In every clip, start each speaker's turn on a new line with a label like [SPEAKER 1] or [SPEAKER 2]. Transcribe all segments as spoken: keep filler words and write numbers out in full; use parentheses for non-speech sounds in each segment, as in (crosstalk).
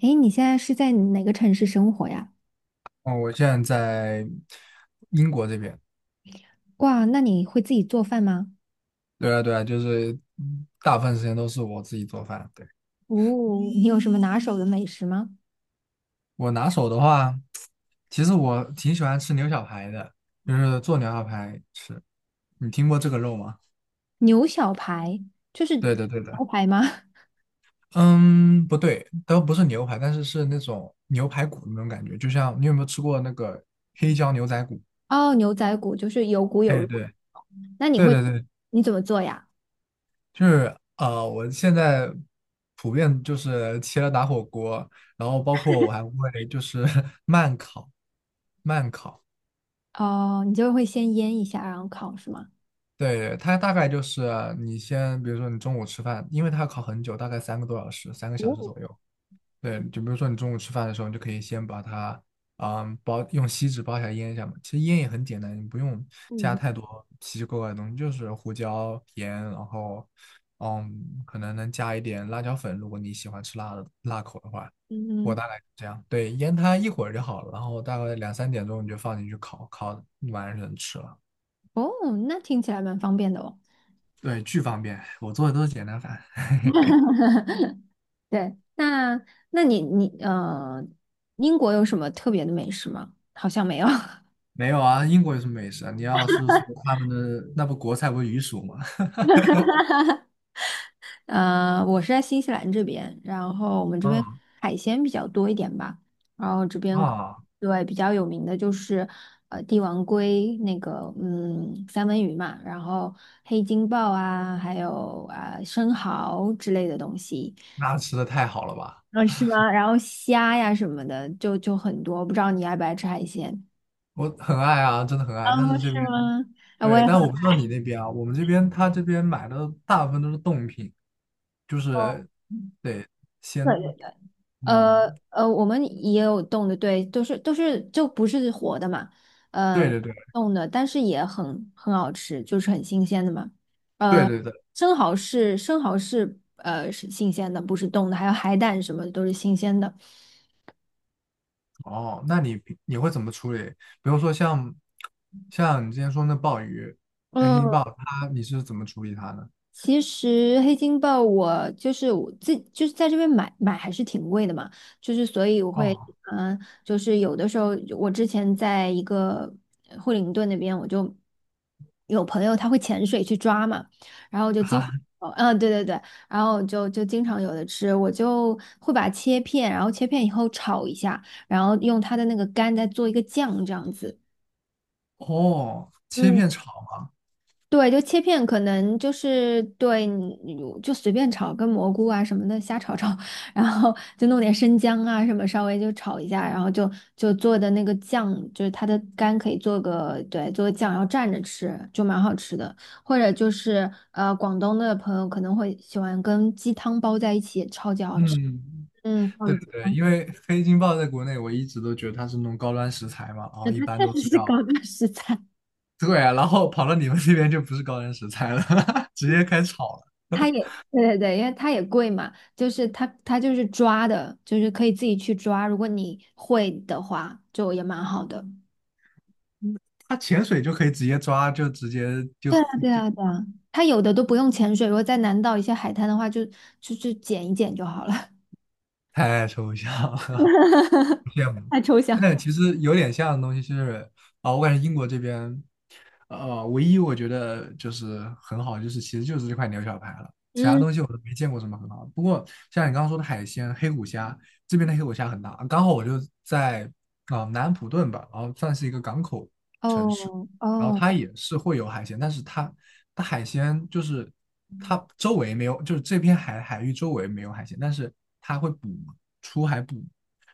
[SPEAKER 1] 诶，你现在是在哪个城市生活呀？
[SPEAKER 2] 哦，我现在在英国这边。
[SPEAKER 1] 哇，那你会自己做饭吗？
[SPEAKER 2] 对啊，对啊，就是嗯大部分时间都是我自己做饭。对，
[SPEAKER 1] 哦，你有什么拿手的美食吗？
[SPEAKER 2] 我拿手的话，其实我挺喜欢吃牛小排的，就是做牛小排吃。你听过这个肉吗？
[SPEAKER 1] 牛小排就是
[SPEAKER 2] 对的，对的。
[SPEAKER 1] 牛排吗？
[SPEAKER 2] 嗯，不对，都不是牛排，但是是那种牛排骨那种感觉，就像你有没有吃过那个黑椒牛仔骨？
[SPEAKER 1] (laughs) 哦，牛仔骨就是有骨有
[SPEAKER 2] 哎，
[SPEAKER 1] 肉。
[SPEAKER 2] 对，
[SPEAKER 1] 那你
[SPEAKER 2] 对
[SPEAKER 1] 会
[SPEAKER 2] 对对
[SPEAKER 1] 你怎么做呀？
[SPEAKER 2] 就是呃，我现在普遍就是切了打火锅，然后包括我还会就是 (laughs) 慢烤，慢烤。
[SPEAKER 1] 哦，你就会先腌一下，然后烤是吗？
[SPEAKER 2] 对，它大概就是你先，比如说你中午吃饭，因为它要烤很久，大概三个多小时，三个小时
[SPEAKER 1] 哦，
[SPEAKER 2] 左右。对，就比如说你中午吃饭的时候，你就可以先把它，嗯，包用锡纸包起来腌一下嘛。其实腌也很简单，你不用加
[SPEAKER 1] 嗯
[SPEAKER 2] 太多奇奇怪怪的东西，就是胡椒、盐，然后，嗯，可能能加一点辣椒粉，如果你喜欢吃辣的辣口的话。我
[SPEAKER 1] 嗯，
[SPEAKER 2] 大概是这样，对，腌它一会儿就好了，然后大概两三点钟你就放进去烤，烤完了就能吃了。
[SPEAKER 1] 哦，那听起来蛮方便的哦。
[SPEAKER 2] 对，巨方便，我做的都是简单饭。(laughs)
[SPEAKER 1] (laughs) 对，那那你你呃，英国有什么特别的美食吗？好像没有。(laughs)
[SPEAKER 2] 没有啊，英国有什么美食啊？你要是说他们的那不国菜不是鱼薯吗？
[SPEAKER 1] 呃，我是在新西兰这边，然后我们这边
[SPEAKER 2] 嗯
[SPEAKER 1] 海鲜比较多一点吧，然后这边可
[SPEAKER 2] 啊。
[SPEAKER 1] 对比较有名的就是呃帝王鲑那个嗯三文鱼嘛，然后黑金鲍啊，还有啊、生蚝之类的东西，
[SPEAKER 2] 那吃的太好了吧？
[SPEAKER 1] 嗯是吗？然后虾呀什么的就就很多，不知道你爱不爱吃海鲜？
[SPEAKER 2] 我很爱啊，真的很
[SPEAKER 1] 哦，
[SPEAKER 2] 爱。但是这
[SPEAKER 1] 是
[SPEAKER 2] 边
[SPEAKER 1] 吗？啊，我
[SPEAKER 2] 对，
[SPEAKER 1] 也很
[SPEAKER 2] 但我不
[SPEAKER 1] 爱。
[SPEAKER 2] 知道你那边啊，我们这边他这边买的大部分都是冻品，就
[SPEAKER 1] 哦，
[SPEAKER 2] 是得
[SPEAKER 1] 对
[SPEAKER 2] 先
[SPEAKER 1] 对对。呃
[SPEAKER 2] 嗯，
[SPEAKER 1] 呃，我们也有冻的，对，都是都是就不是活的嘛，
[SPEAKER 2] 对
[SPEAKER 1] 呃，
[SPEAKER 2] 对对
[SPEAKER 1] 冻的，但是也很很好吃，就是很新鲜的嘛。
[SPEAKER 2] 对
[SPEAKER 1] 呃，
[SPEAKER 2] 对对。
[SPEAKER 1] 生蚝是生蚝是呃是新鲜的，不是冻的，还有海胆什么的都是新鲜的。
[SPEAKER 2] 哦，那你你会怎么处理？比如说像像你之前说那鲍鱼，
[SPEAKER 1] 嗯，
[SPEAKER 2] 它你是怎么处理它呢？
[SPEAKER 1] 其实黑金豹我就是我自就是在这边买买还是挺贵的嘛，就是所以我会
[SPEAKER 2] 哦，
[SPEAKER 1] 嗯、呃就是有的时候我之前在一个惠灵顿那边，我就有朋友他会潜水去抓嘛，然后就经
[SPEAKER 2] 哈，
[SPEAKER 1] 哦嗯对对对，然后就就经常有的吃，我就会把它切片，然后切片以后炒一下，然后用它的那个干再做一个酱这样子。
[SPEAKER 2] 哦，切
[SPEAKER 1] 嗯。
[SPEAKER 2] 片炒吗？
[SPEAKER 1] 对，就切片，可能就是对，你就随便炒，跟蘑菇啊什么的瞎炒炒，(laughs) 然后就弄点生姜啊什么，稍微就炒一下，然后就就做的那个酱，就是它的干可以做个对，做个酱，然后蘸着吃，就蛮好吃的。或者就是呃，广东的朋友可能会喜欢跟鸡汤包在一起，超级好吃。
[SPEAKER 2] 嗯，
[SPEAKER 1] 嗯，鲍
[SPEAKER 2] 对
[SPEAKER 1] 鱼鸡
[SPEAKER 2] 对对，
[SPEAKER 1] 汤
[SPEAKER 2] 因为黑金鲍在国内我一直都觉得它是那种高端食材嘛，然
[SPEAKER 1] (laughs)
[SPEAKER 2] 后一般都
[SPEAKER 1] 确
[SPEAKER 2] 是
[SPEAKER 1] 实是
[SPEAKER 2] 要。
[SPEAKER 1] 高档食材。
[SPEAKER 2] (laughs) 对啊，然后跑到你们那边就不是高原食材了，(laughs) 直接开始炒了。
[SPEAKER 1] 它也对对对，因为它也贵嘛，就是它它就是抓的，就是可以自己去抓，如果你会的话，就也蛮好的。
[SPEAKER 2] 嗯它潜水就可以直接抓，就直接就
[SPEAKER 1] 对啊，对
[SPEAKER 2] 就
[SPEAKER 1] 啊，对啊，它有的都不用潜水，如果在南岛一些海滩的话，就就就捡一捡就好了。(laughs)
[SPEAKER 2] 太抽象了，(laughs) 羡慕。
[SPEAKER 1] 太抽象。
[SPEAKER 2] 但其实有点像的东西是啊、我感觉英国这边，呃，唯一我觉得就是很好，就是其实就是这块牛小排了，其他
[SPEAKER 1] 嗯，
[SPEAKER 2] 东西我都没见过什么很好的。不过像你刚刚说的海鲜，黑虎虾这边的黑虎虾很大，刚好我就在啊、呃南安普顿吧，然后算是一个港口。
[SPEAKER 1] 哦
[SPEAKER 2] 然后
[SPEAKER 1] 哦，
[SPEAKER 2] 它也是会有海鲜，但是它它海鲜就是它周围没有，就是这片海海域周围没有海鲜，但是它会捕出海捕，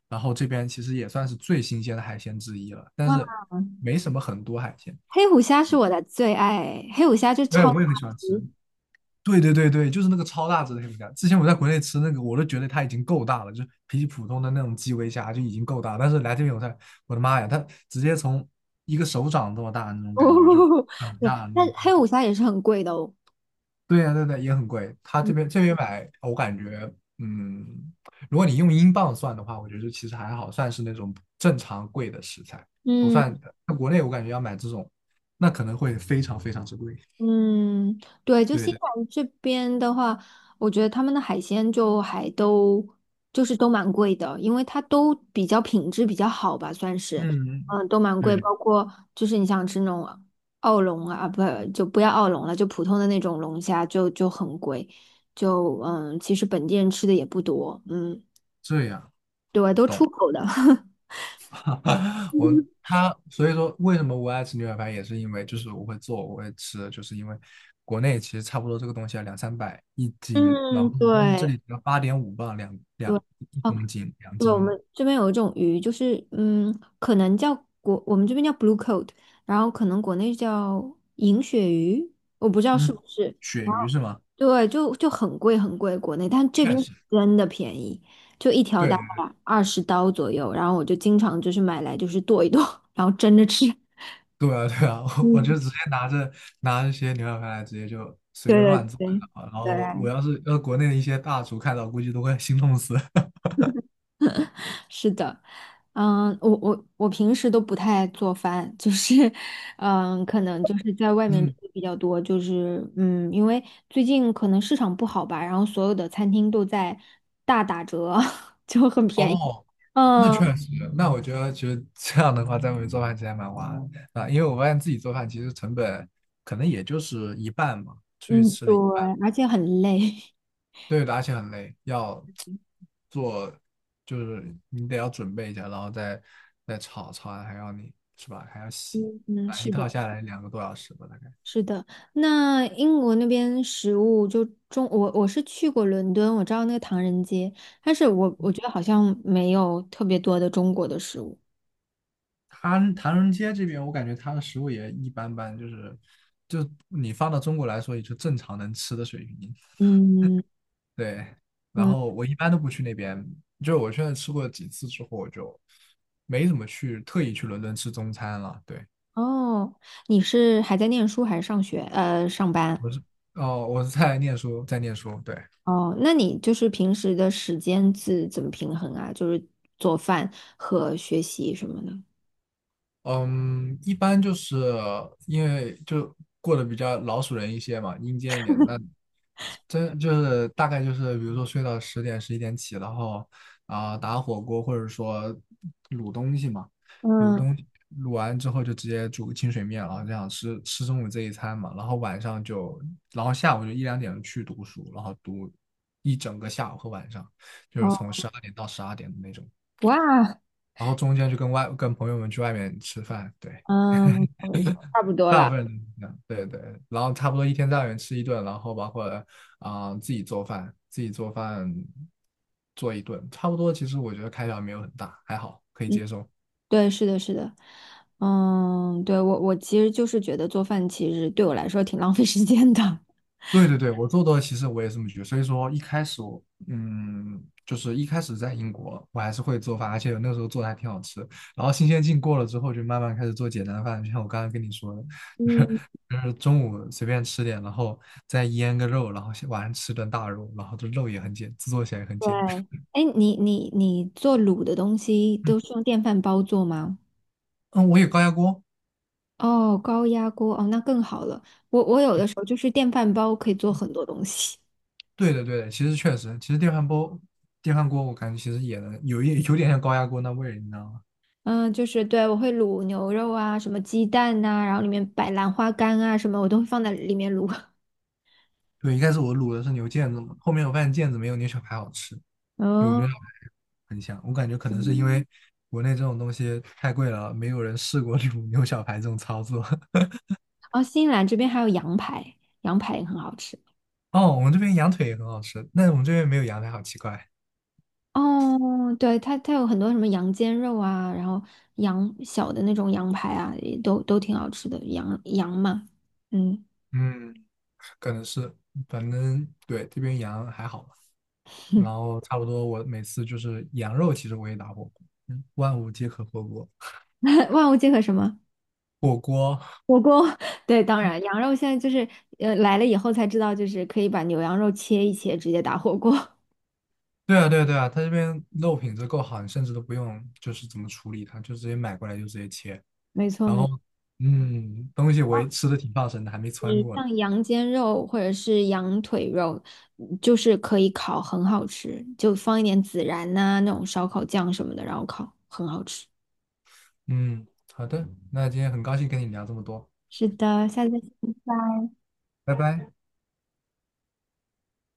[SPEAKER 2] 然后这边其实也算是最新鲜的海鲜之一了，但
[SPEAKER 1] 哇，
[SPEAKER 2] 是没什么很多海鲜。
[SPEAKER 1] 黑虎虾是我的最爱，黑虎虾就
[SPEAKER 2] 对，
[SPEAKER 1] 超大
[SPEAKER 2] 我也很喜欢吃。
[SPEAKER 1] 只
[SPEAKER 2] 对对对对，就是那个超大只的黑皮虾。之前我在国内吃那个，我都觉得它已经够大了，就是比起普通的那种基围虾就已经够大了。但是来这边我才，我的妈呀，它直接从一个手掌这么大的那
[SPEAKER 1] (laughs)
[SPEAKER 2] 种感觉，就
[SPEAKER 1] 哦，
[SPEAKER 2] 很
[SPEAKER 1] 对，
[SPEAKER 2] 大的那
[SPEAKER 1] 但
[SPEAKER 2] 种感
[SPEAKER 1] 黑
[SPEAKER 2] 觉。
[SPEAKER 1] 虎虾也是很贵的哦。
[SPEAKER 2] 对呀，对对，也很贵。他这
[SPEAKER 1] 嗯。
[SPEAKER 2] 边这边买，我感觉，嗯，如果你用英镑算的话，我觉得其实还好，算是那种正常贵的食材，不算。
[SPEAKER 1] 嗯
[SPEAKER 2] 在国内，我感觉要买这种，那可能会非常非常之贵。
[SPEAKER 1] 嗯，对，就
[SPEAKER 2] 对
[SPEAKER 1] 新西
[SPEAKER 2] 的，
[SPEAKER 1] 兰这边的话，我觉得他们的海鲜就还都就是都蛮贵的，因为它都比较品质比较好吧，算是，
[SPEAKER 2] 嗯，
[SPEAKER 1] 嗯，都蛮贵，
[SPEAKER 2] 对，
[SPEAKER 1] 包括就是你想吃那种澳龙啊，不就不要澳龙了，就普通的那种龙虾就就很贵，就嗯，其实本地人吃的也不多，嗯，
[SPEAKER 2] 这样
[SPEAKER 1] 对，都
[SPEAKER 2] 懂
[SPEAKER 1] 出
[SPEAKER 2] 了。
[SPEAKER 1] 口的，
[SPEAKER 2] (laughs) 我
[SPEAKER 1] (laughs)
[SPEAKER 2] 他所以说，为什么我爱吃牛排饭，也是因为就是我会做，我会吃，就是因为国内其实差不多这个东西要两三百一斤，然
[SPEAKER 1] 嗯，
[SPEAKER 2] 后但是这
[SPEAKER 1] 对
[SPEAKER 2] 里只要八点五磅两
[SPEAKER 1] 对。
[SPEAKER 2] 两一
[SPEAKER 1] 哦
[SPEAKER 2] 公斤两
[SPEAKER 1] 对，我
[SPEAKER 2] 斤了。
[SPEAKER 1] 们这边有一种鱼，就是嗯，可能叫国，我们这边叫 blue coat，然后可能国内叫银鳕鱼，我不知道
[SPEAKER 2] 嗯，
[SPEAKER 1] 是不是。
[SPEAKER 2] 鳕
[SPEAKER 1] 然
[SPEAKER 2] 鱼
[SPEAKER 1] 后
[SPEAKER 2] 是吗？
[SPEAKER 1] 对，就就很贵很贵，国内，但这
[SPEAKER 2] 确
[SPEAKER 1] 边
[SPEAKER 2] 实，
[SPEAKER 1] 真的便宜，就一条大
[SPEAKER 2] 对
[SPEAKER 1] 概二十刀左右。然后我就经常就是买来就是剁一剁，然后蒸着吃。
[SPEAKER 2] 对啊，对啊，(laughs) 我我就
[SPEAKER 1] 嗯，
[SPEAKER 2] 直接拿着拿一些牛小排来，直接就随便
[SPEAKER 1] 对对
[SPEAKER 2] 乱做
[SPEAKER 1] 对
[SPEAKER 2] 啊然后我
[SPEAKER 1] 对。
[SPEAKER 2] 要是要是国内的一些大厨看到，估计都会心痛死。(laughs)
[SPEAKER 1] 是的，嗯，我我我平时都不太做饭，就是，(laughs) 嗯，可能就是在外面吃
[SPEAKER 2] 嗯，
[SPEAKER 1] 比较多，就是嗯，因为最近可能市场不好吧，然后所有的餐厅都在大打折，(laughs) 就很便宜。
[SPEAKER 2] 哦，那
[SPEAKER 1] 嗯
[SPEAKER 2] 确实，那我觉得其实这样的话，在外面做饭其实还蛮划的啊，因为我发现自己做饭其实成本可能也就是一半嘛，出去
[SPEAKER 1] 嗯，
[SPEAKER 2] 吃
[SPEAKER 1] 对，
[SPEAKER 2] 的。
[SPEAKER 1] 而且很累。
[SPEAKER 2] 对的而且很累，要 (tsk) 做，就是你得要准备一下，然后再再炒，炒完还要你是吧？还要洗，
[SPEAKER 1] 嗯嗯，
[SPEAKER 2] 啊，一
[SPEAKER 1] 是
[SPEAKER 2] 套
[SPEAKER 1] 的，
[SPEAKER 2] 下来两个多小时吧，大概。
[SPEAKER 1] 是的。那英国那边食物就中，我我是去过伦敦，我知道那个唐人街，但是我我觉得好像没有特别多的中国的食物。
[SPEAKER 2] 唐唐人街这边，我感觉它的食物也一般般，就是就你放到中国来说，也就正常能吃的水平。
[SPEAKER 1] 嗯
[SPEAKER 2] 对，然
[SPEAKER 1] 嗯，
[SPEAKER 2] 后我一般都不去那边，就是我现在吃过几次之后，我就没怎么去特意去伦敦吃中餐了。对，
[SPEAKER 1] 哦，你是还在念书还是上学？呃，上班。
[SPEAKER 2] 我是哦，我是在念书，在念书，对。
[SPEAKER 1] 哦，那你就是平时的时间是怎么平衡啊？就是做饭和学习什么的。
[SPEAKER 2] 嗯，一般就是因为就过得比较老鼠人一些嘛，阴间一点。那真就是大概就是，比如说睡到十点十一点起，然后啊、打火锅或者说卤东西嘛，卤
[SPEAKER 1] 嗯，
[SPEAKER 2] 东西卤完之后就直接煮个清水面，然后这样吃吃中午这一餐嘛，然后晚上就，然后下午就一两点去读书，然后读一整个下午和晚上，就是从十
[SPEAKER 1] 哦，
[SPEAKER 2] 二点到十二点的那种，
[SPEAKER 1] 哇，
[SPEAKER 2] 然后中间就跟外跟朋友们去外面吃饭，对。
[SPEAKER 1] 嗯，没错没错差不多
[SPEAKER 2] 大
[SPEAKER 1] 了。
[SPEAKER 2] 部分人这样对对，然后差不多一天在外面吃一顿，然后包括啊、呃自己做饭，自己做饭做一顿，差不多。其实我觉得开销没有很大，还好可以
[SPEAKER 1] 嗯，
[SPEAKER 2] 接受。
[SPEAKER 1] 对，是的，是的。嗯，对，我我其实就是觉得做饭其实对我来说挺 (laughs) 浪费时间的。
[SPEAKER 2] 对对对，我做多了，其实我也是这么觉得。所以说一开始我嗯，就是一开始在英国，我还是会做饭，而且那时候做的还挺好吃。然后新鲜劲过了之后，就慢慢开始做简单饭，就像我刚刚跟你说的，
[SPEAKER 1] 嗯，
[SPEAKER 2] 就是中午随便吃点，然后再腌个肉，然后晚上吃顿大肉，然后这肉也很简，制作起来也很
[SPEAKER 1] 对。
[SPEAKER 2] 简单。
[SPEAKER 1] 哎，你你你做卤的东西都
[SPEAKER 2] (laughs)
[SPEAKER 1] 是用电饭煲做吗？
[SPEAKER 2] 嗯，我有高压锅。
[SPEAKER 1] 哦，高压锅哦，那更好了。我我有的时候就是电饭煲可以做很多东西，
[SPEAKER 2] 对的，对的，其实确实，其实电饭煲、电饭锅，我感觉其实也能有一有点像高压锅那味儿，你知道吗？
[SPEAKER 1] 嗯，就是对我会卤牛肉啊，什么鸡蛋呐、然后里面摆兰花干啊什么，我都会放在里面卤。(laughs)
[SPEAKER 2] 对，一开始我卤的是牛腱子嘛，后面我发现腱子没有牛小排好吃，卤
[SPEAKER 1] 哦
[SPEAKER 2] 牛小排很香。我感觉可能是因为国内这种东西太贵了，没有人试过 (laughs) 卤牛小排这种操作。(laughs)
[SPEAKER 1] 哦，新西兰这边还有羊排，羊排也很好吃。
[SPEAKER 2] 哦，我们这边羊腿也很好吃，但是我们这边没有羊排，好奇怪。
[SPEAKER 1] 哦，对，它它有很多什么羊肩肉啊，然后羊小的那种羊排啊，也都都挺好吃的，羊羊嘛，嗯，
[SPEAKER 2] 嗯，可能是，反正对，这边羊还好吧。
[SPEAKER 1] (laughs)
[SPEAKER 2] 然后差不多我每次就是羊肉，其实我也打火锅，嗯，万物皆可火锅。
[SPEAKER 1] 万物皆可什么。
[SPEAKER 2] 火锅，
[SPEAKER 1] 火锅，(laughs) 对，当然，羊肉现在就是，呃，来了以后才知道，就是可以把牛羊肉切一切，直接打火锅。(laughs)
[SPEAKER 2] 对啊对啊对啊，它这边肉品质够好，你甚至都不用就是怎么处理它，就直接买过来就直接切。
[SPEAKER 1] 没错，
[SPEAKER 2] 然
[SPEAKER 1] 没
[SPEAKER 2] 后，
[SPEAKER 1] 错。
[SPEAKER 2] 嗯，东西我也吃的挺放神的，还没穿
[SPEAKER 1] 你
[SPEAKER 2] 过呢。
[SPEAKER 1] 像羊肩肉或者是羊腿肉，嗯就是可以烤，很好吃，就放一点孜然呐、那种烧烤酱什么的，然后烤，很好吃。
[SPEAKER 2] 嗯，好的，那今天很高兴跟你聊这么多，
[SPEAKER 1] 是的，下次再见。
[SPEAKER 2] 拜拜。